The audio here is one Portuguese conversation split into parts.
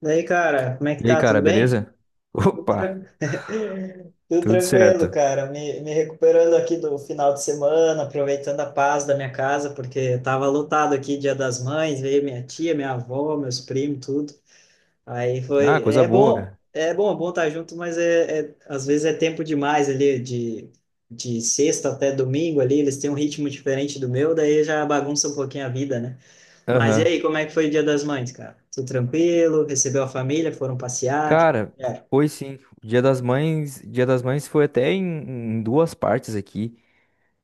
Daí, cara, como é que E aí, tá? cara, Tudo bem? beleza? Tudo, Opa, tran- Tudo tudo tranquilo, certo. cara. Me recuperando aqui do final de semana, aproveitando a paz da minha casa, porque tava lotado aqui, Dia das Mães, veio minha tia, minha avó, meus primos, tudo. Aí Ah, foi. coisa boa, cara. É bom estar junto, mas às vezes é tempo demais ali, de sexta até domingo ali, eles têm um ritmo diferente do meu, daí já bagunça um pouquinho a vida, né? Mas e Aham. aí, como é que foi o Dia das Mães, cara? Tudo tranquilo? Recebeu a família? Foram passear? Que... Cara, É. foi sim. O Dia das Mães foi até em, em duas partes aqui,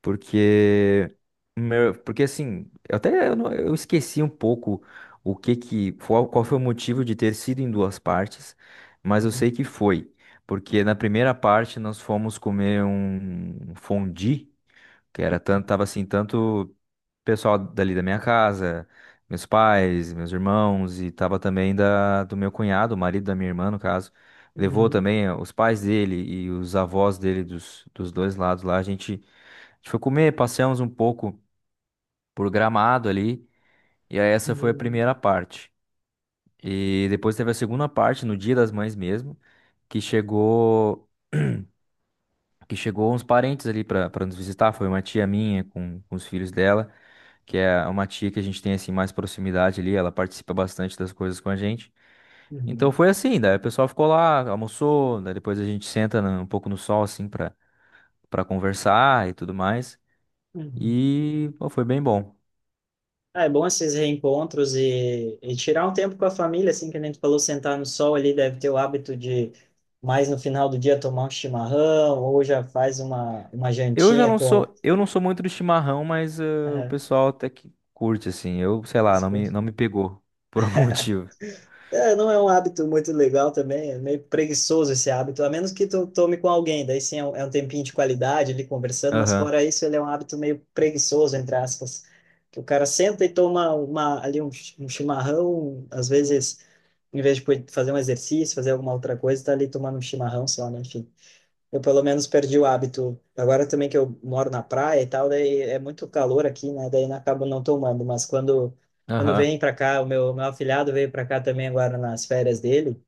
porque eu até eu, não- eu esqueci um pouco o que que qual, qual foi o motivo de ter sido em duas partes, mas eu Uhum, sei que foi, porque na primeira parte nós fomos comer um fondue. Que era tanto, tava assim, tanto pessoal dali da minha casa, meus pais, meus irmãos, e tava também do meu cunhado, o marido da minha irmã, no caso. Levou uhum, também os pais dele e os avós dele dos dois lados lá. A gente foi comer, passeamos um pouco por Gramado ali, e aí essa foi a uhum, primeira parte. E depois teve a segunda parte, no Dia das Mães mesmo, que chegou. Que chegou uns parentes ali pra nos visitar. Foi uma tia minha com os filhos dela, que é uma tia que a gente tem assim mais proximidade ali. Ela participa bastante das coisas com a gente. Então uhum, foi assim, daí o pessoal ficou lá, almoçou, daí depois a gente um pouco no sol assim pra para conversar e tudo mais. uhum. E pô, foi bem bom. Ah, é bom esses reencontros e, tirar um tempo com a família, assim, que a gente falou, sentar no sol ali, deve ter o hábito de mais no final do dia tomar um chimarrão ou já faz uma jantinha com... Eu não sou muito do chimarrão, mas o Aham. pessoal até que curte assim. Eu, sei lá, não me pegou por algum motivo. É, não é um hábito muito legal também, é meio preguiçoso esse hábito, a menos que tu tome com alguém, daí sim é um tempinho de qualidade ali conversando, mas Aham. fora isso ele é um hábito meio preguiçoso, entre aspas, que o cara senta e toma uma, ali um, um chimarrão, às vezes, em vez de poder fazer um exercício, fazer alguma outra coisa, tá ali tomando um chimarrão só, né? Enfim. Eu pelo menos perdi o hábito. Agora também que eu moro na praia e tal, daí é muito calor aqui, né? Daí eu acabo não tomando. Mas quando vem Aham. para cá, o meu afilhado veio para cá também agora nas férias dele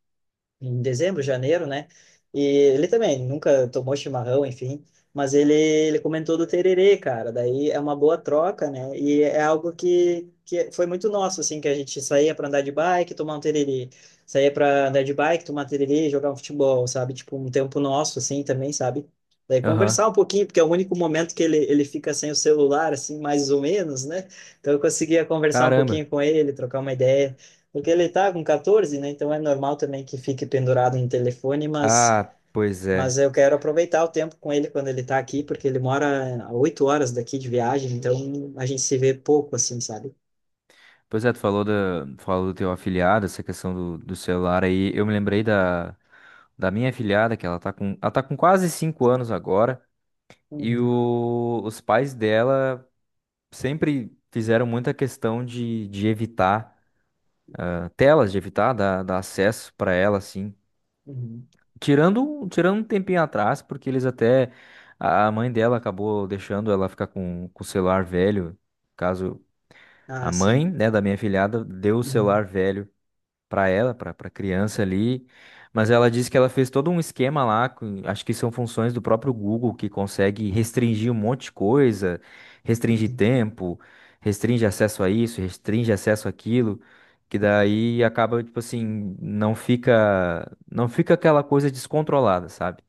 em dezembro, janeiro, né? E ele também nunca tomou chimarrão, enfim, mas ele comentou do tererê, cara. Daí é uma boa troca, né? E é algo que foi muito nosso, assim, que a gente saía para andar de bike, tomar um tererê, saía para andar de bike, tomar tererê, jogar um futebol, sabe? Tipo, um tempo nosso, assim, também, sabe? Daí Aham. conversar um pouquinho, porque é o único momento que ele fica sem o celular, assim, mais ou menos, né? Então eu conseguia conversar um Caramba. pouquinho com ele, trocar uma ideia. Porque ele tá com 14, né? Então é normal também que fique pendurado em telefone, Ah, pois é. mas eu quero aproveitar o tempo com ele quando ele tá aqui, porque ele mora a 8 horas daqui de viagem, então a gente se vê pouco, assim, sabe? Pois é, tu falou falou do teu afiliado, essa questão do celular aí. Eu me lembrei da minha afiliada, que ela tá com quase 5 anos agora, e Uhum, os pais dela sempre fizeram muita questão de evitar telas, de evitar dar acesso para ela, assim. uhum. Tirando um tempinho atrás, porque eles até. A mãe dela acabou deixando ela ficar com o celular velho, caso. A Ah, sim. mãe, né, da minha filhada deu o Uhum, celular velho para ela, para criança ali, mas ela disse que ela fez todo um esquema lá, acho que são funções do próprio Google que consegue restringir um monte de coisa, restringe uhum, tempo, restringe acesso a isso, restringe acesso àquilo, que daí acaba tipo assim, não fica aquela coisa descontrolada, sabe?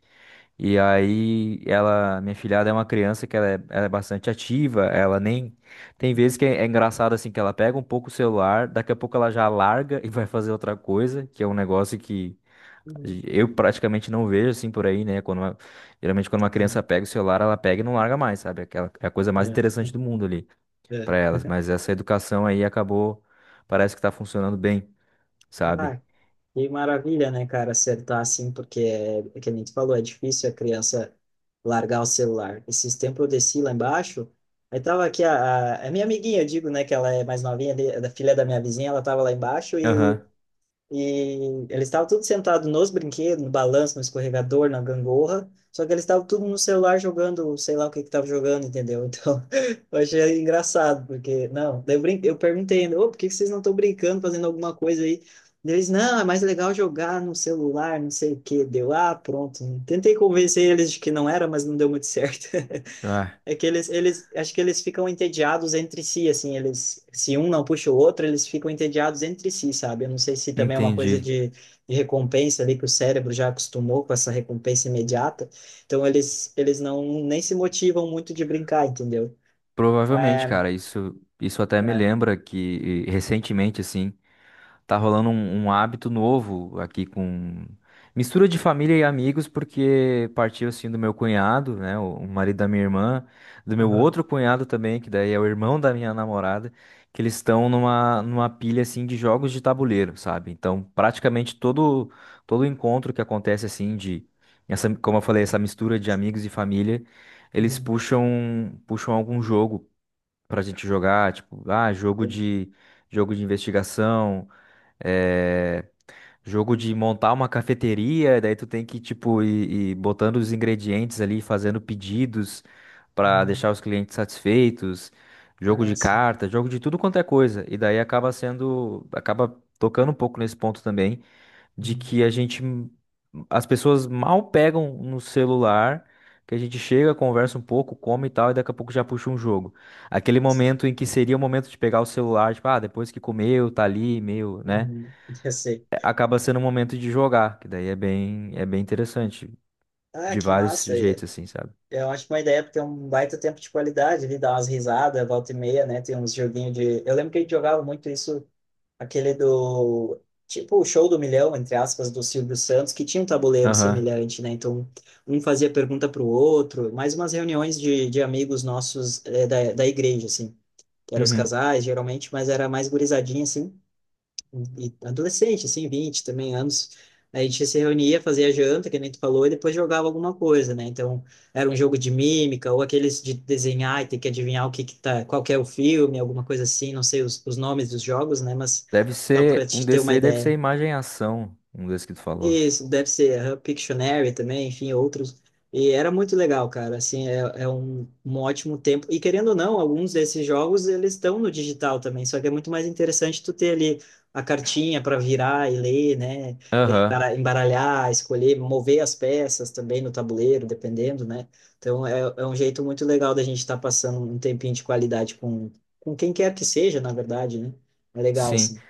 E aí ela, minha filhada é uma criança que ela é bastante ativa, ela nem tem vezes que é engraçado assim que ela pega um pouco o celular, daqui a pouco ela já larga e vai fazer outra coisa, que é um negócio que uhum, eu praticamente não vejo assim por aí, né? Geralmente quando uma criança uhum. pega o celular, ela pega e não larga mais, sabe? Aquela é a coisa mais interessante do mundo ali É, para é. elas, mas essa educação aí acabou, parece que tá funcionando bem, sabe? Ah, que maravilha, né, cara, acertar assim, porque é, é que nem tu falou, é difícil a criança largar o celular. Esses tempos eu desci lá embaixo, aí tava aqui a minha amiguinha, eu digo, né, que ela é mais novinha, de- da filha da minha vizinha, ela tava lá embaixo e Aham. Eles estavam tudo sentado nos brinquedos, no balanço, no escorregador, na gangorra. Só que eles estavam tudo no celular jogando, sei lá o que que estavam jogando, entendeu? Então, eu achei engraçado, porque, não, daí eu, eu perguntei ainda, ô, por que que vocês não estão brincando, fazendo alguma coisa aí? Eles, não, é mais legal jogar no celular, não sei o quê. Deu, ah, pronto. Tentei convencer eles de que não era, mas não deu muito certo. Ah, É que acho que eles ficam entediados entre si, assim, eles, se um não puxa o outro, eles ficam entediados entre si, sabe? Eu não sei se também é uma coisa entendi. De recompensa ali, que o cérebro já acostumou com essa recompensa imediata, então eles não, nem se motivam muito de brincar, entendeu? Provavelmente, É, cara, isso até me é. lembra que recentemente, assim, tá rolando um hábito novo aqui com mistura de família e amigos, porque partiu, assim, do meu cunhado, né, o marido da minha irmã, do meu Aham. outro cunhado também, que daí é o irmão da minha namorada, que eles estão numa pilha, assim, de jogos de tabuleiro, sabe? Então, todo encontro que acontece, assim, essa, como eu falei, essa mistura de amigos e família, Uhum. Puxam algum jogo pra gente jogar, tipo, ah, Sim. Jogo de investigação, é, jogo de montar uma cafeteria, daí tu tem que, tipo, ir botando os ingredientes ali, fazendo pedidos pra Uhum. deixar os clientes satisfeitos, jogo de Nossa. carta, jogo de tudo quanto é coisa. E daí acaba tocando um pouco nesse ponto também de Uhum. que a gente as pessoas mal pegam no celular, que a gente chega, conversa um pouco, come e tal, e daqui a pouco já puxa um jogo. Aquele momento em que seria o momento de pegar o celular, tipo, ah, depois que comeu, tá ali, meio, né? Uhum. Eu sei. É, acaba sendo um momento de jogar, que daí é é bem interessante, Ah, de que vários massa. jeitos, assim, sabe? Eu acho uma ótima ideia, porque é um baita tempo de qualidade, ali, dá umas risadas, volta e meia, né? Tem uns joguinhos de. Eu lembro que a gente jogava muito isso, aquele do. Tipo o Show do Milhão, entre aspas, do Silvio Santos, que tinha um tabuleiro Aham. semelhante, né? Então, um fazia pergunta para o outro, mais umas reuniões de amigos nossos da, da igreja, assim. Que eram os Uhum. casais, geralmente, mas era mais gurizadinha, assim e adolescente, assim, 20 também anos. A gente se reunia, fazia janta, que nem tu falou, e depois jogava alguma coisa, né? Então, era um jogo de mímica, ou aqueles de desenhar e ter que adivinhar o que que tá, qual que é o filme, alguma coisa assim, não sei os nomes dos jogos, né? Mas Deve só para ser, um te ter desses uma aí deve ser ideia. imagem e ação, um desses que tu falou. Isso, deve ser aham, Pictionary também, enfim, outros. E era muito legal, cara. Assim, é, é um, um ótimo tempo. E querendo ou não, alguns desses jogos eles estão no digital também, só que é muito mais interessante tu ter ali a cartinha para virar e ler, né? E Aham. Embaralhar, escolher, mover as peças também no tabuleiro, dependendo, né? Então é, é um jeito muito legal da gente estar passando um tempinho de qualidade com quem quer que seja, na verdade, né? É legal, Sim. assim.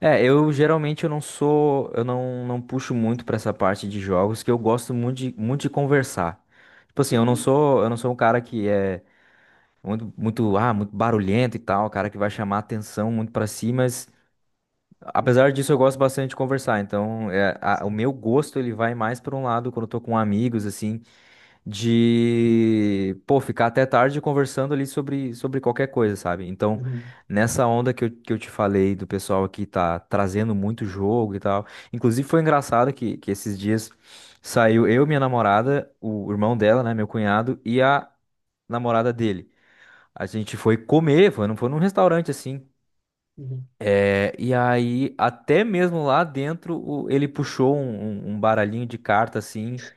É, eu geralmente eu não sou, eu não puxo muito pra essa parte de jogos, que eu gosto muito muito de conversar. Tipo assim, Uhum, eu não sou um cara que é muito barulhento e tal, cara que vai chamar atenção muito pra si, mas uhum, apesar disso eu gosto bastante de conversar. Então, é, o sim. meu gosto ele vai mais pra um lado quando eu tô com amigos assim, de, pô, ficar até tarde conversando ali sobre qualquer coisa, sabe? Então, Uhum, nessa onda que que eu te falei do pessoal que tá trazendo muito jogo e tal. Inclusive, foi engraçado que esses dias saiu eu, minha namorada, o irmão dela, né, meu cunhado, e a namorada dele. A gente foi comer, não foi num restaurante assim. uhum. É, e aí, até mesmo lá dentro, ele puxou um baralhinho de carta assim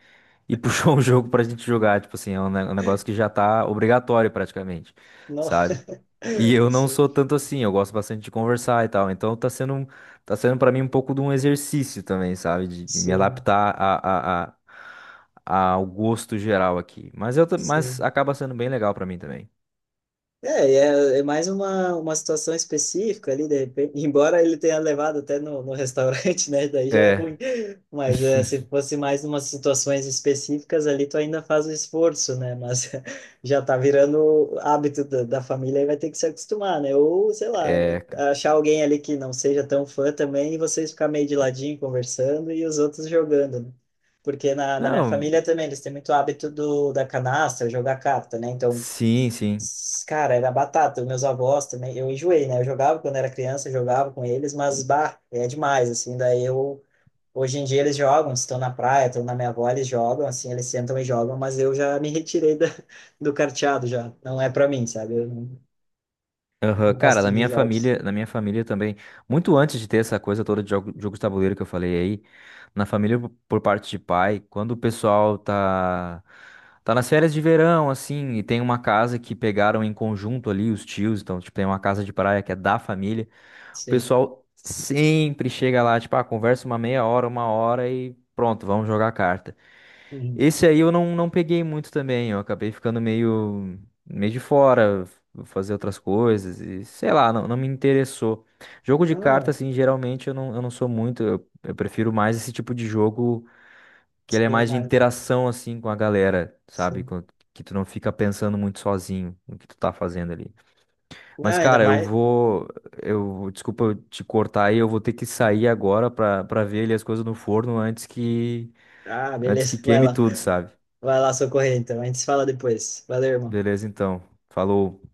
e puxou um jogo pra gente jogar. Tipo assim, é um, um negócio que já tá obrigatório praticamente, Não. sabe? E eu não Sim, sou tanto assim, eu gosto bastante de conversar e tal. Então tá sendo para mim um pouco de um exercício também, sabe? De me sim, adaptar ao gosto geral aqui. Mas, mas sim. acaba sendo bem legal pra mim também. É, é, é mais uma situação específica ali, de repente, embora ele tenha levado até no, no restaurante, né? Daí já é ruim. É, Mas é, se fosse mais umas situações específicas ali, tu ainda faz o esforço, né? Mas já tá virando hábito da, da família e vai ter que se acostumar, né? Ou, sei lá, é. achar alguém ali que não seja tão fã também e vocês ficar meio de ladinho conversando e os outros jogando, né? Porque na, na minha Não, família também, eles têm muito hábito do, da canastra, jogar carta, né? Então sim, sim. cara, era batata. Meus avós também. Eu enjoei, né? Eu jogava quando era criança, eu jogava com eles, mas bah, é demais, assim. Daí eu. Hoje em dia eles jogam, estão na praia, estão na minha avó, eles jogam, assim, eles sentam e jogam, mas eu já me retirei da, do carteado já. Não é para mim, sabe? Eu não, não Aham. Cara, gosto de jogos. Na minha família também, muito antes de ter essa coisa toda de jogo, jogos de tabuleiro que eu falei aí, na família por parte de pai, quando o pessoal tá tá nas férias de verão assim, e tem uma casa que pegaram em conjunto ali os tios, então tipo tem uma casa de praia que é da família, o Sim. pessoal sempre chega lá, tipo, ah, conversa uma meia hora, uma hora e pronto, vamos jogar carta. Uhum. Esse aí eu não, não peguei muito também, eu acabei ficando meio de fora, vou fazer outras coisas e sei lá, não me interessou. Jogo de carta, Ah, assim, geralmente eu não sou muito, eu prefiro mais esse tipo de jogo que ele é sim, mais de mas. interação, assim, com a galera, sabe? Sim. Que tu não fica pensando muito sozinho no que tu tá fazendo ali. Mas, Ah, ainda cara, mais. Desculpa eu te cortar aí, eu vou ter que sair agora pra ver ali as coisas no forno Ah, antes que beleza, vai queime lá. tudo, sabe? Vai lá socorrer, então. A gente se fala depois. Valeu, irmão. Beleza, então. Falou.